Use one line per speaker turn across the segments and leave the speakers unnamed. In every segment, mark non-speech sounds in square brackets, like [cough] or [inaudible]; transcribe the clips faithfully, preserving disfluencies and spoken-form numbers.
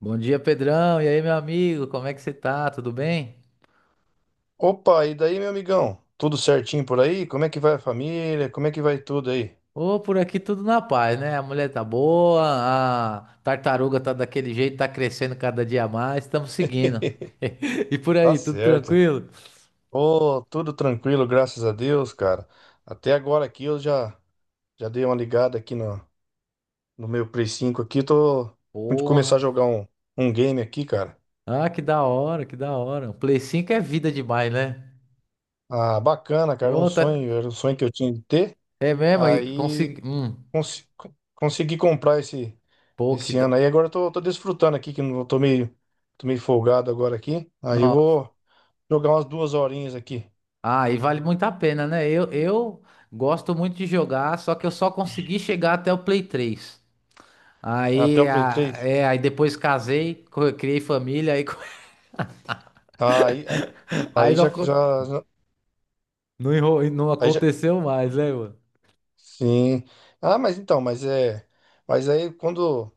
Bom dia, Pedrão. E aí, meu amigo? Como é que você tá? Tudo bem?
Opa, e daí, meu amigão? Tudo certinho por aí? Como é que vai a família? Como é que vai tudo aí?
Ô, por aqui tudo na paz, né? A mulher tá boa, a tartaruga tá daquele jeito, tá crescendo cada dia mais, estamos seguindo.
[laughs]
[laughs] E por
Tá
aí, tudo
certo.
tranquilo?
Ô, tudo tranquilo, graças a Deus, cara. Até agora aqui eu já já dei uma ligada aqui no, no meu Play cinco aqui, tô de começar a
Porra.
jogar um, um game aqui, cara.
Ah, que da hora, que da hora. O Play cinco é vida demais, né?
Ah, bacana, cara, um
Ô, tá.
sonho, era um sonho que eu tinha de ter.
É mesmo, aí
Aí
consegui. Hum,
cons- consegui comprar esse
pô, que
esse ano aí.
da.
Agora eu tô, tô desfrutando aqui, que eu não tô meio, tô meio folgado agora aqui. Aí eu
Não.
vou jogar umas duas horinhas aqui.
Ah, e vale muito a pena, né? Eu, eu gosto muito de jogar, só que eu só consegui chegar até o Play três.
Até
Aí,
o Play
a-
três
é, aí depois casei, co- criei família, aí, co-
Ah, aí, ah,
[laughs] aí
aí
não,
já,
acon-
já, já-
não, enro- não
aí já.
aconteceu mais, né, mano?
Sim. Ah, mas então, mas é. Mas aí quando.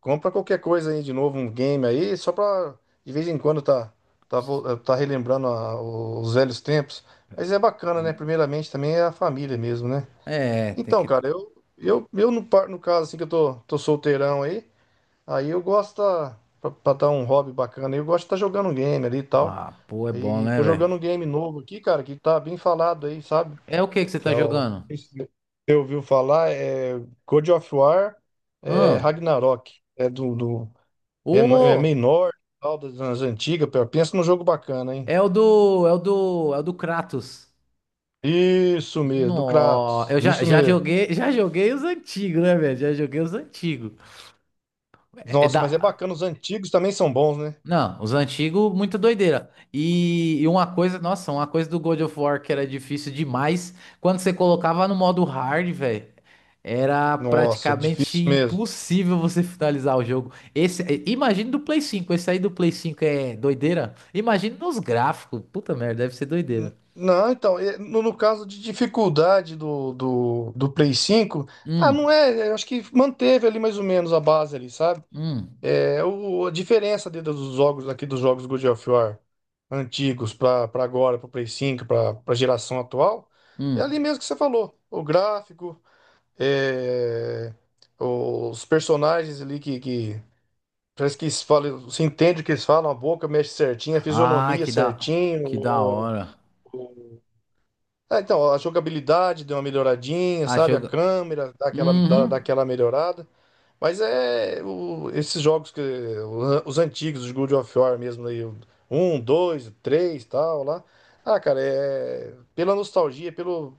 Compra qualquer coisa aí de novo, um game aí, só pra. De vez em quando tá. Tá, vo- tá relembrando a- os velhos tempos. Mas é bacana, né? Primeiramente também é a família mesmo, né?
É, tem
Então,
que.
cara, eu. Eu, eu no, par- no caso, assim, que eu tô, tô solteirão aí. Aí eu gosto. Tá, Pra, pra dar um hobby bacana aí, eu gosto de estar jogando um game ali e tal.
Ah, pô, é bom,
Aí
né,
tô
velho?
jogando um game novo aqui, cara, que tá bem falado aí, sabe?
É o que que você
Que
tá
é o.
jogando?
Você ouviu falar? É God of War, é
Hã?
Ragnarok. É do, do- é, no- é
Ô,
meio nórdico, tal, das, das antigas. Pô, pensa num jogo bacana, hein?
é o do. É o do. É o do Kratos.
Isso mesmo, do
Nó,
Kratos.
eu já,
Isso
já
mesmo.
joguei, [laughs] já joguei os antigos, né, velho? Já joguei os antigos. É é
Nossa,
da.
mas é bacana, os antigos também são bons, né?
Não, os antigos, muita doideira. E, e uma coisa, nossa, uma coisa do God of War que era difícil demais, quando você colocava no modo hard, velho, era
Nossa, é
praticamente
difícil mesmo.
impossível você [laughs] finalizar o jogo. Esse, eh, imagina do Play cinco, esse aí do Play cinco é doideira? Imagina nos gráficos, puta merda, deve ser doideira.
N- Não, então, e- no, no caso de dificuldade do, do, do Play cinco, ah, não
Hum,
é, eu acho que manteve ali mais ou menos a base ali, sabe?
hum,
É, o, a diferença de- dos jogos aqui, dos jogos God of War antigos para agora, para o Play cinco, para a geração atual, é ali
hum.
mesmo que você falou. O gráfico, é, os personagens ali que, que parece que eles falam, você entende o que eles falam, a boca mexe certinho, a
Ah,
fisionomia
que da, que da
certinho,
hora.
ah, então, a jogabilidade deu uma melhoradinha,
Ah,
sabe? A
jogo.
câmera dá aquela, dá, dá
Uhum.
aquela melhorada. Mas é o- esses jogos que o- os antigos, os God of War mesmo aí, o um, dois, três, tal lá. Ah, cara, é pela nostalgia, pelo,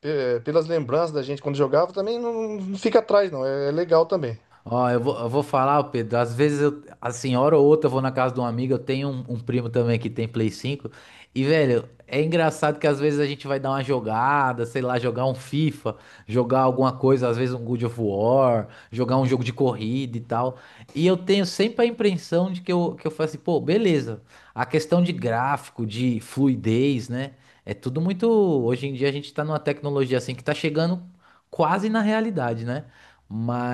pe- pelas lembranças da gente quando jogava, também não, não fica atrás não, é, é legal também.
Ó, eu vou, eu vou falar, ô Pedro. Às vezes, eu, assim, hora ou outra, eu vou na casa de um amigo. Eu tenho um, um primo também que tem Play cinco. E, velho, é engraçado que às vezes a gente vai dar uma jogada, sei lá, jogar um FIFA, jogar alguma coisa, às vezes um God of War, jogar um jogo de corrida e tal. E eu tenho sempre a impressão de que eu, que eu, falo assim, pô, beleza. A questão de gráfico, de fluidez, né? É tudo muito. Hoje em dia a gente tá numa tecnologia assim que tá chegando quase na realidade, né?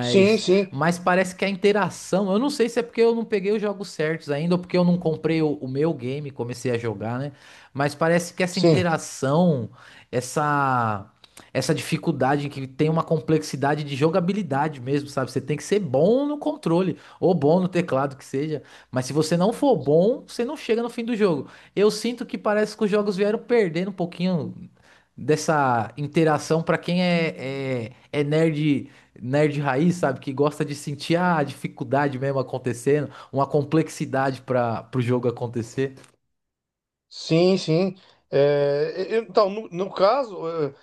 Sim, sim,
Mas parece que a interação, eu não sei se é porque eu não peguei os jogos certos ainda, ou porque eu não comprei o, o meu game, e comecei a jogar, né? Mas parece que essa
sim,
interação, essa essa dificuldade que tem uma complexidade de jogabilidade mesmo, sabe? Você tem que ser bom no controle ou bom no teclado que seja, mas se você não for bom, você não chega no fim do jogo. Eu sinto que parece que os jogos vieram perdendo um pouquinho dessa interação para quem é, é, é nerd nerd raiz, sabe? Que gosta de sentir ah, a dificuldade mesmo acontecendo, uma complexidade para pro jogo acontecer.
sim, sim. É, e- então, no, no caso, é,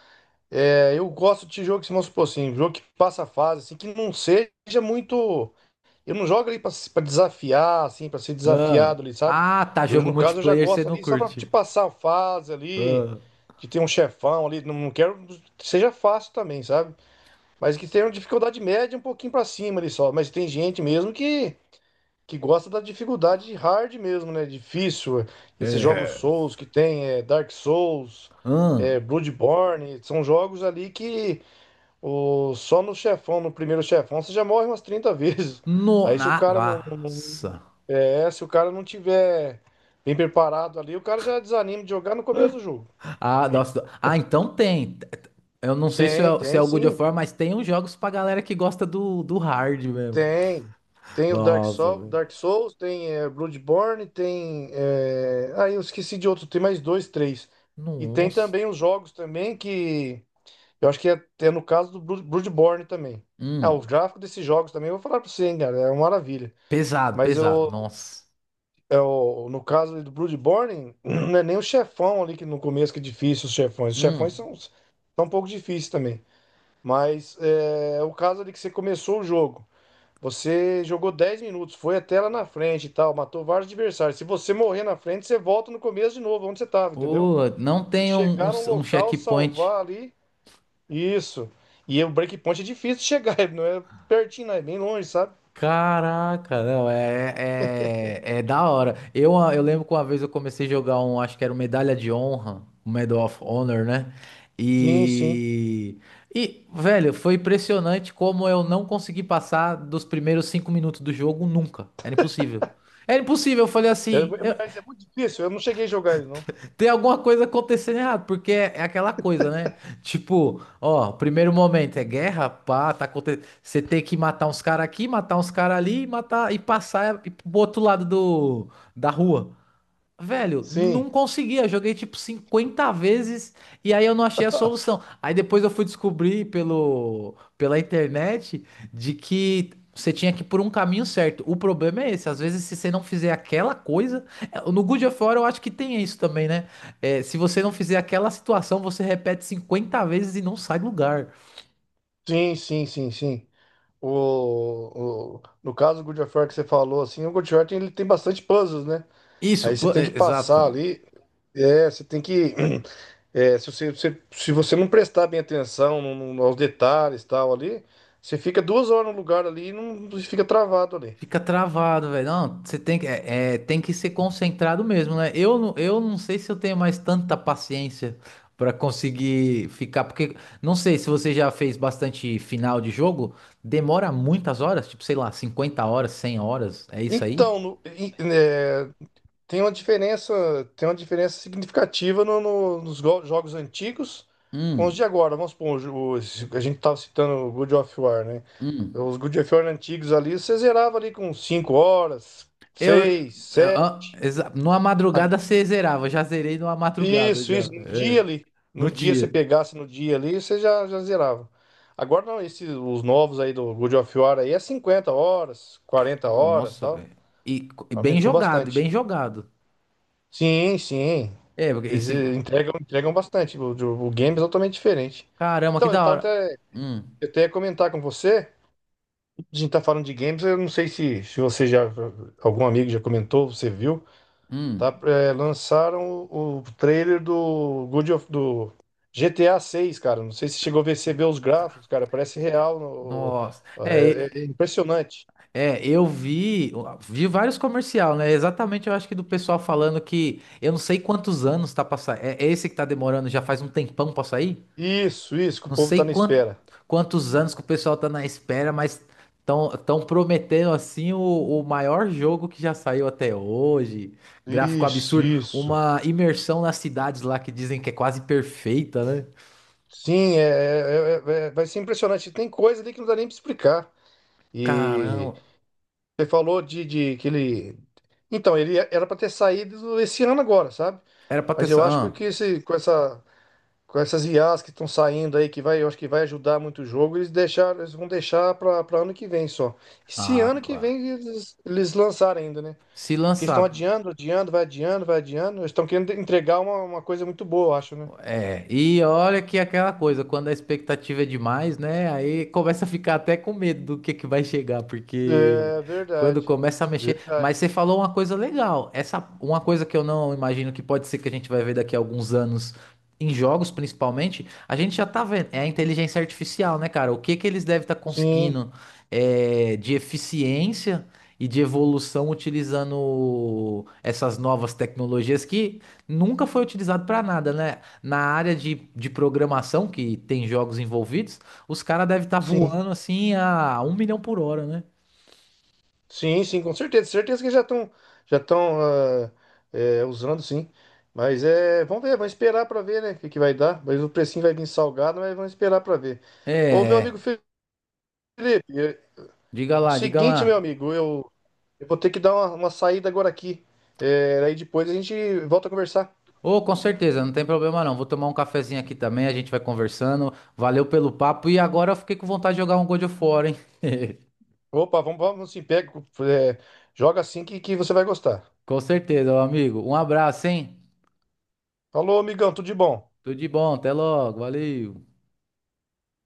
É, eu gosto de jogo que se mostra assim, jogo que passa a fase, assim, que não seja muito. Eu não jogo ali pra, pra desafiar, assim, pra ser
Ah,
desafiado ali, sabe?
ah, tá,
E hoje,
jogo
no caso, eu já
multiplayer você
gosto
não
ali só pra te
curte.
passar a fase ali,
Ah,
de ter um chefão ali. Não, não quero que seja fácil também, sabe? Mas que tenha uma dificuldade média um pouquinho pra cima ali só. Mas tem gente mesmo que, que gosta da dificuldade hard mesmo, né? Difícil. Esses jogos
é.
Souls que tem, é, Dark Souls,
Ah,
é, Bloodborne, são jogos ali que. O, só no chefão, no primeiro chefão, você já morre umas trinta vezes.
no,
Aí se o
na,
cara não
nossa.
é, se o cara não tiver bem preparado ali, o cara já desanima de jogar no começo do jogo.
Ah, nossa. Ah, então tem. Eu não sei se
Tem,
é, se é
tem
o God of
sim.
War, mas tem uns jogos pra galera que gosta do, do hard mesmo.
Tem. Tem o Dark
Nossa,
soul
velho.
Dark Souls, tem, é, Bloodborne, tem. É... Aí eu esqueci de outro, tem mais dois, três. E tem
Nossa.
também os jogos também que. Eu acho que é, é no caso do Blood- Bloodborne também. Ah, o
Hum,
gráfico desses jogos também, eu vou falar pra você, hein, cara, é uma maravilha.
pesado,
Mas
pesado.
eu,
Nossa.
É o, no caso ali do Bloodborne, [clears throat] não é nem o chefão ali que no começo que é difícil, os chefões. Os chefões
Hum.
são, são um pouco difíceis também. Mas é o caso ali que você começou o jogo. Você jogou dez minutos, foi até lá na frente e tal, matou vários adversários. Se você morrer na frente, você volta no começo de novo, onde você tava, entendeu?
Pô, não
Tem que
tem um, um,
chegar num
um
local,
checkpoint.
salvar ali. Isso. E o breakpoint é difícil de chegar, [laughs] não é pertinho, não, é bem longe, sabe?
Caraca, não, é, é, é é da hora. Eu, ah, eu lembro que uma vez eu comecei a jogar um, acho que era o Medalha de Honra, o Medal of Honor, né?
Sim, sim.
E, e, velho, foi impressionante como eu não consegui passar dos primeiros cinco minutos do jogo nunca. Era impossível. Era impossível, eu falei
É-
assim.
mas é muito difícil, eu não cheguei a jogar ele, não.
Tem alguma coisa acontecendo errado, porque é, é aquela coisa, né? Tipo, ó, primeiro momento é guerra, pá, tá acontecendo. Você tem que matar uns caras aqui, matar uns caras ali, e matar e passar e ir pro outro lado do, da rua. Velho,
Sim.
não conseguia. Joguei tipo cinquenta vezes e aí eu não achei a
[laughs]
solução. Aí depois eu fui descobrir pelo, pela internet de que você tinha que ir por um caminho certo. O problema é esse. Às vezes, se você não fizer aquela coisa. é, No Good of War eu acho que tem isso também, né? É, se você não fizer aquela situação, você repete cinquenta vezes e não sai do lugar.
Sim, sim, sim, sim. O, o- no caso do God of War que você falou, assim, o God of War tem, ele tem bastante puzzles, né?
Isso,
Aí você
pla-
tem que
é,
passar
exato.
ali, é, você tem que, [clears throat] é, se você, se, se você não prestar bem atenção no- no- aos detalhes e tal ali, você fica duas horas no lugar ali e não, fica travado ali.
Fica travado, velho. Não, você tem que, é, é, tem que ser concentrado mesmo, né? Eu, não- eu não sei se eu tenho mais tanta paciência pra conseguir ficar, porque não sei se você já fez bastante final de jogo, demora muitas horas, tipo, sei lá, cinquenta horas, cem horas, é isso aí?
Então, no, Tem uma diferença, tem uma diferença significativa no- no- nos go- jogos antigos com os
Hum,
de agora. Vamos supor, o jo- o- a gente estava citando o God of War, né?
hum.
Os God of War antigos ali, você zerava ali com cinco horas,
Eu,
seis,
eu- ah,
sete.
exa- numa madrugada você zerava, já zerei numa madrugada
Isso,
já,
isso, no
é,
dia ali. No
no
dia, você
dia.
pegasse no dia ali, você já, já zerava. Agora não, esses, os novos aí do God of War aí é cinquenta horas, quarenta horas,
Nossa,
tal.
velho. E, co- e bem
Aumentou
jogado, e
bastante.
bem jogado.
Sim, sim.
É, porque
Eles
esse.
eh, entregam, entregam bastante. O, o- o games é totalmente diferente.
Caramba, que
Então, eu
da
tava
hora.
até,
Hum,
eu até ia comentar com você. A gente tá falando de games, eu não sei se, se você já. Algum amigo já comentou, você viu. Tá,
hum.
eh, lançaram o, o trailer do God of, do GTA seis, cara. Não sei se chegou a ver, você vê os gráficos, cara. Parece real. no-
Nossa. É,
é,
e-
é impressionante.
é, eu vi, vi vários comercial, né? Exatamente, eu acho que do pessoal falando que eu não sei quantos anos tá passando. É, é esse que tá demorando, já faz um tempão pra sair?
Isso, isso, que o
Não
povo
sei
tá na
quan-
espera.
quantos anos que o pessoal tá na espera, mas tão, tão prometendo assim o, o maior jogo que já saiu até hoje. Gráfico
Isso,
absurdo,
isso.
uma imersão nas cidades lá que dizem que é quase perfeita, né?
Sim, é, é- é- é- vai ser impressionante. Tem coisa ali que não dá nem para explicar. E
Caramba.
você falou de, de que ele. Então, ele é, era para ter saído esse ano agora, sabe?
Era pra ter.
Mas eu
sa-
acho
Ah.
que esse, com essa, com essas I As que estão saindo aí, que vai, eu acho que vai ajudar muito o jogo, eles deixaram, eles vão deixar para ano que vem só. Se
Ah,
ano que
claro.
vem eles, eles lançarem ainda, né?
Se
Porque estão
lançar.
adiando, adiando, vai adiando, vai adiando. Eles estão querendo entregar uma, uma coisa muito boa, eu acho, né?
É, e olha que aquela coisa, quando a expectativa é demais, né? Aí começa a ficar até com medo do que que vai chegar, porque
É
quando
verdade.
começa a mexer. Mas
Verdade.
você falou uma coisa legal. Essa, uma coisa que eu não imagino que pode ser que a gente vai ver daqui a alguns anos em jogos, principalmente, a gente já tá vendo. É a inteligência artificial, né, cara? O que que eles devem estar
Sim.
conseguindo é, de eficiência e de evolução utilizando essas novas tecnologias que nunca foi utilizado para nada, né? Na área de, de programação, que tem jogos envolvidos, os caras devem estar
Sim,
voando assim a um milhão por hora, né?
sim, sim, com certeza. Certeza que já estão já estão usando, sim. Mas é, vamos ver, vamos esperar para ver, né, o que, que vai dar. Mas o precinho vai vir salgado, mas vamos esperar para ver. Ô, meu amigo
É,
Felipe, é,
diga
o
lá, diga
seguinte, meu
lá.
amigo, eu, eu vou ter que dar uma, uma saída agora aqui. É, aí depois a gente volta a conversar.
Ô, com certeza, não tem problema não. Vou tomar um cafezinho aqui também, a gente vai conversando. Valeu pelo papo e agora eu fiquei com vontade de jogar um God of War, hein? [laughs]
Opa, vamos, vamos sim, pega, é, joga assim que, que você vai gostar.
Com certeza, meu amigo. Um abraço, hein?
Falou, amigão, tudo de bom.
Tudo de bom, até logo, valeu.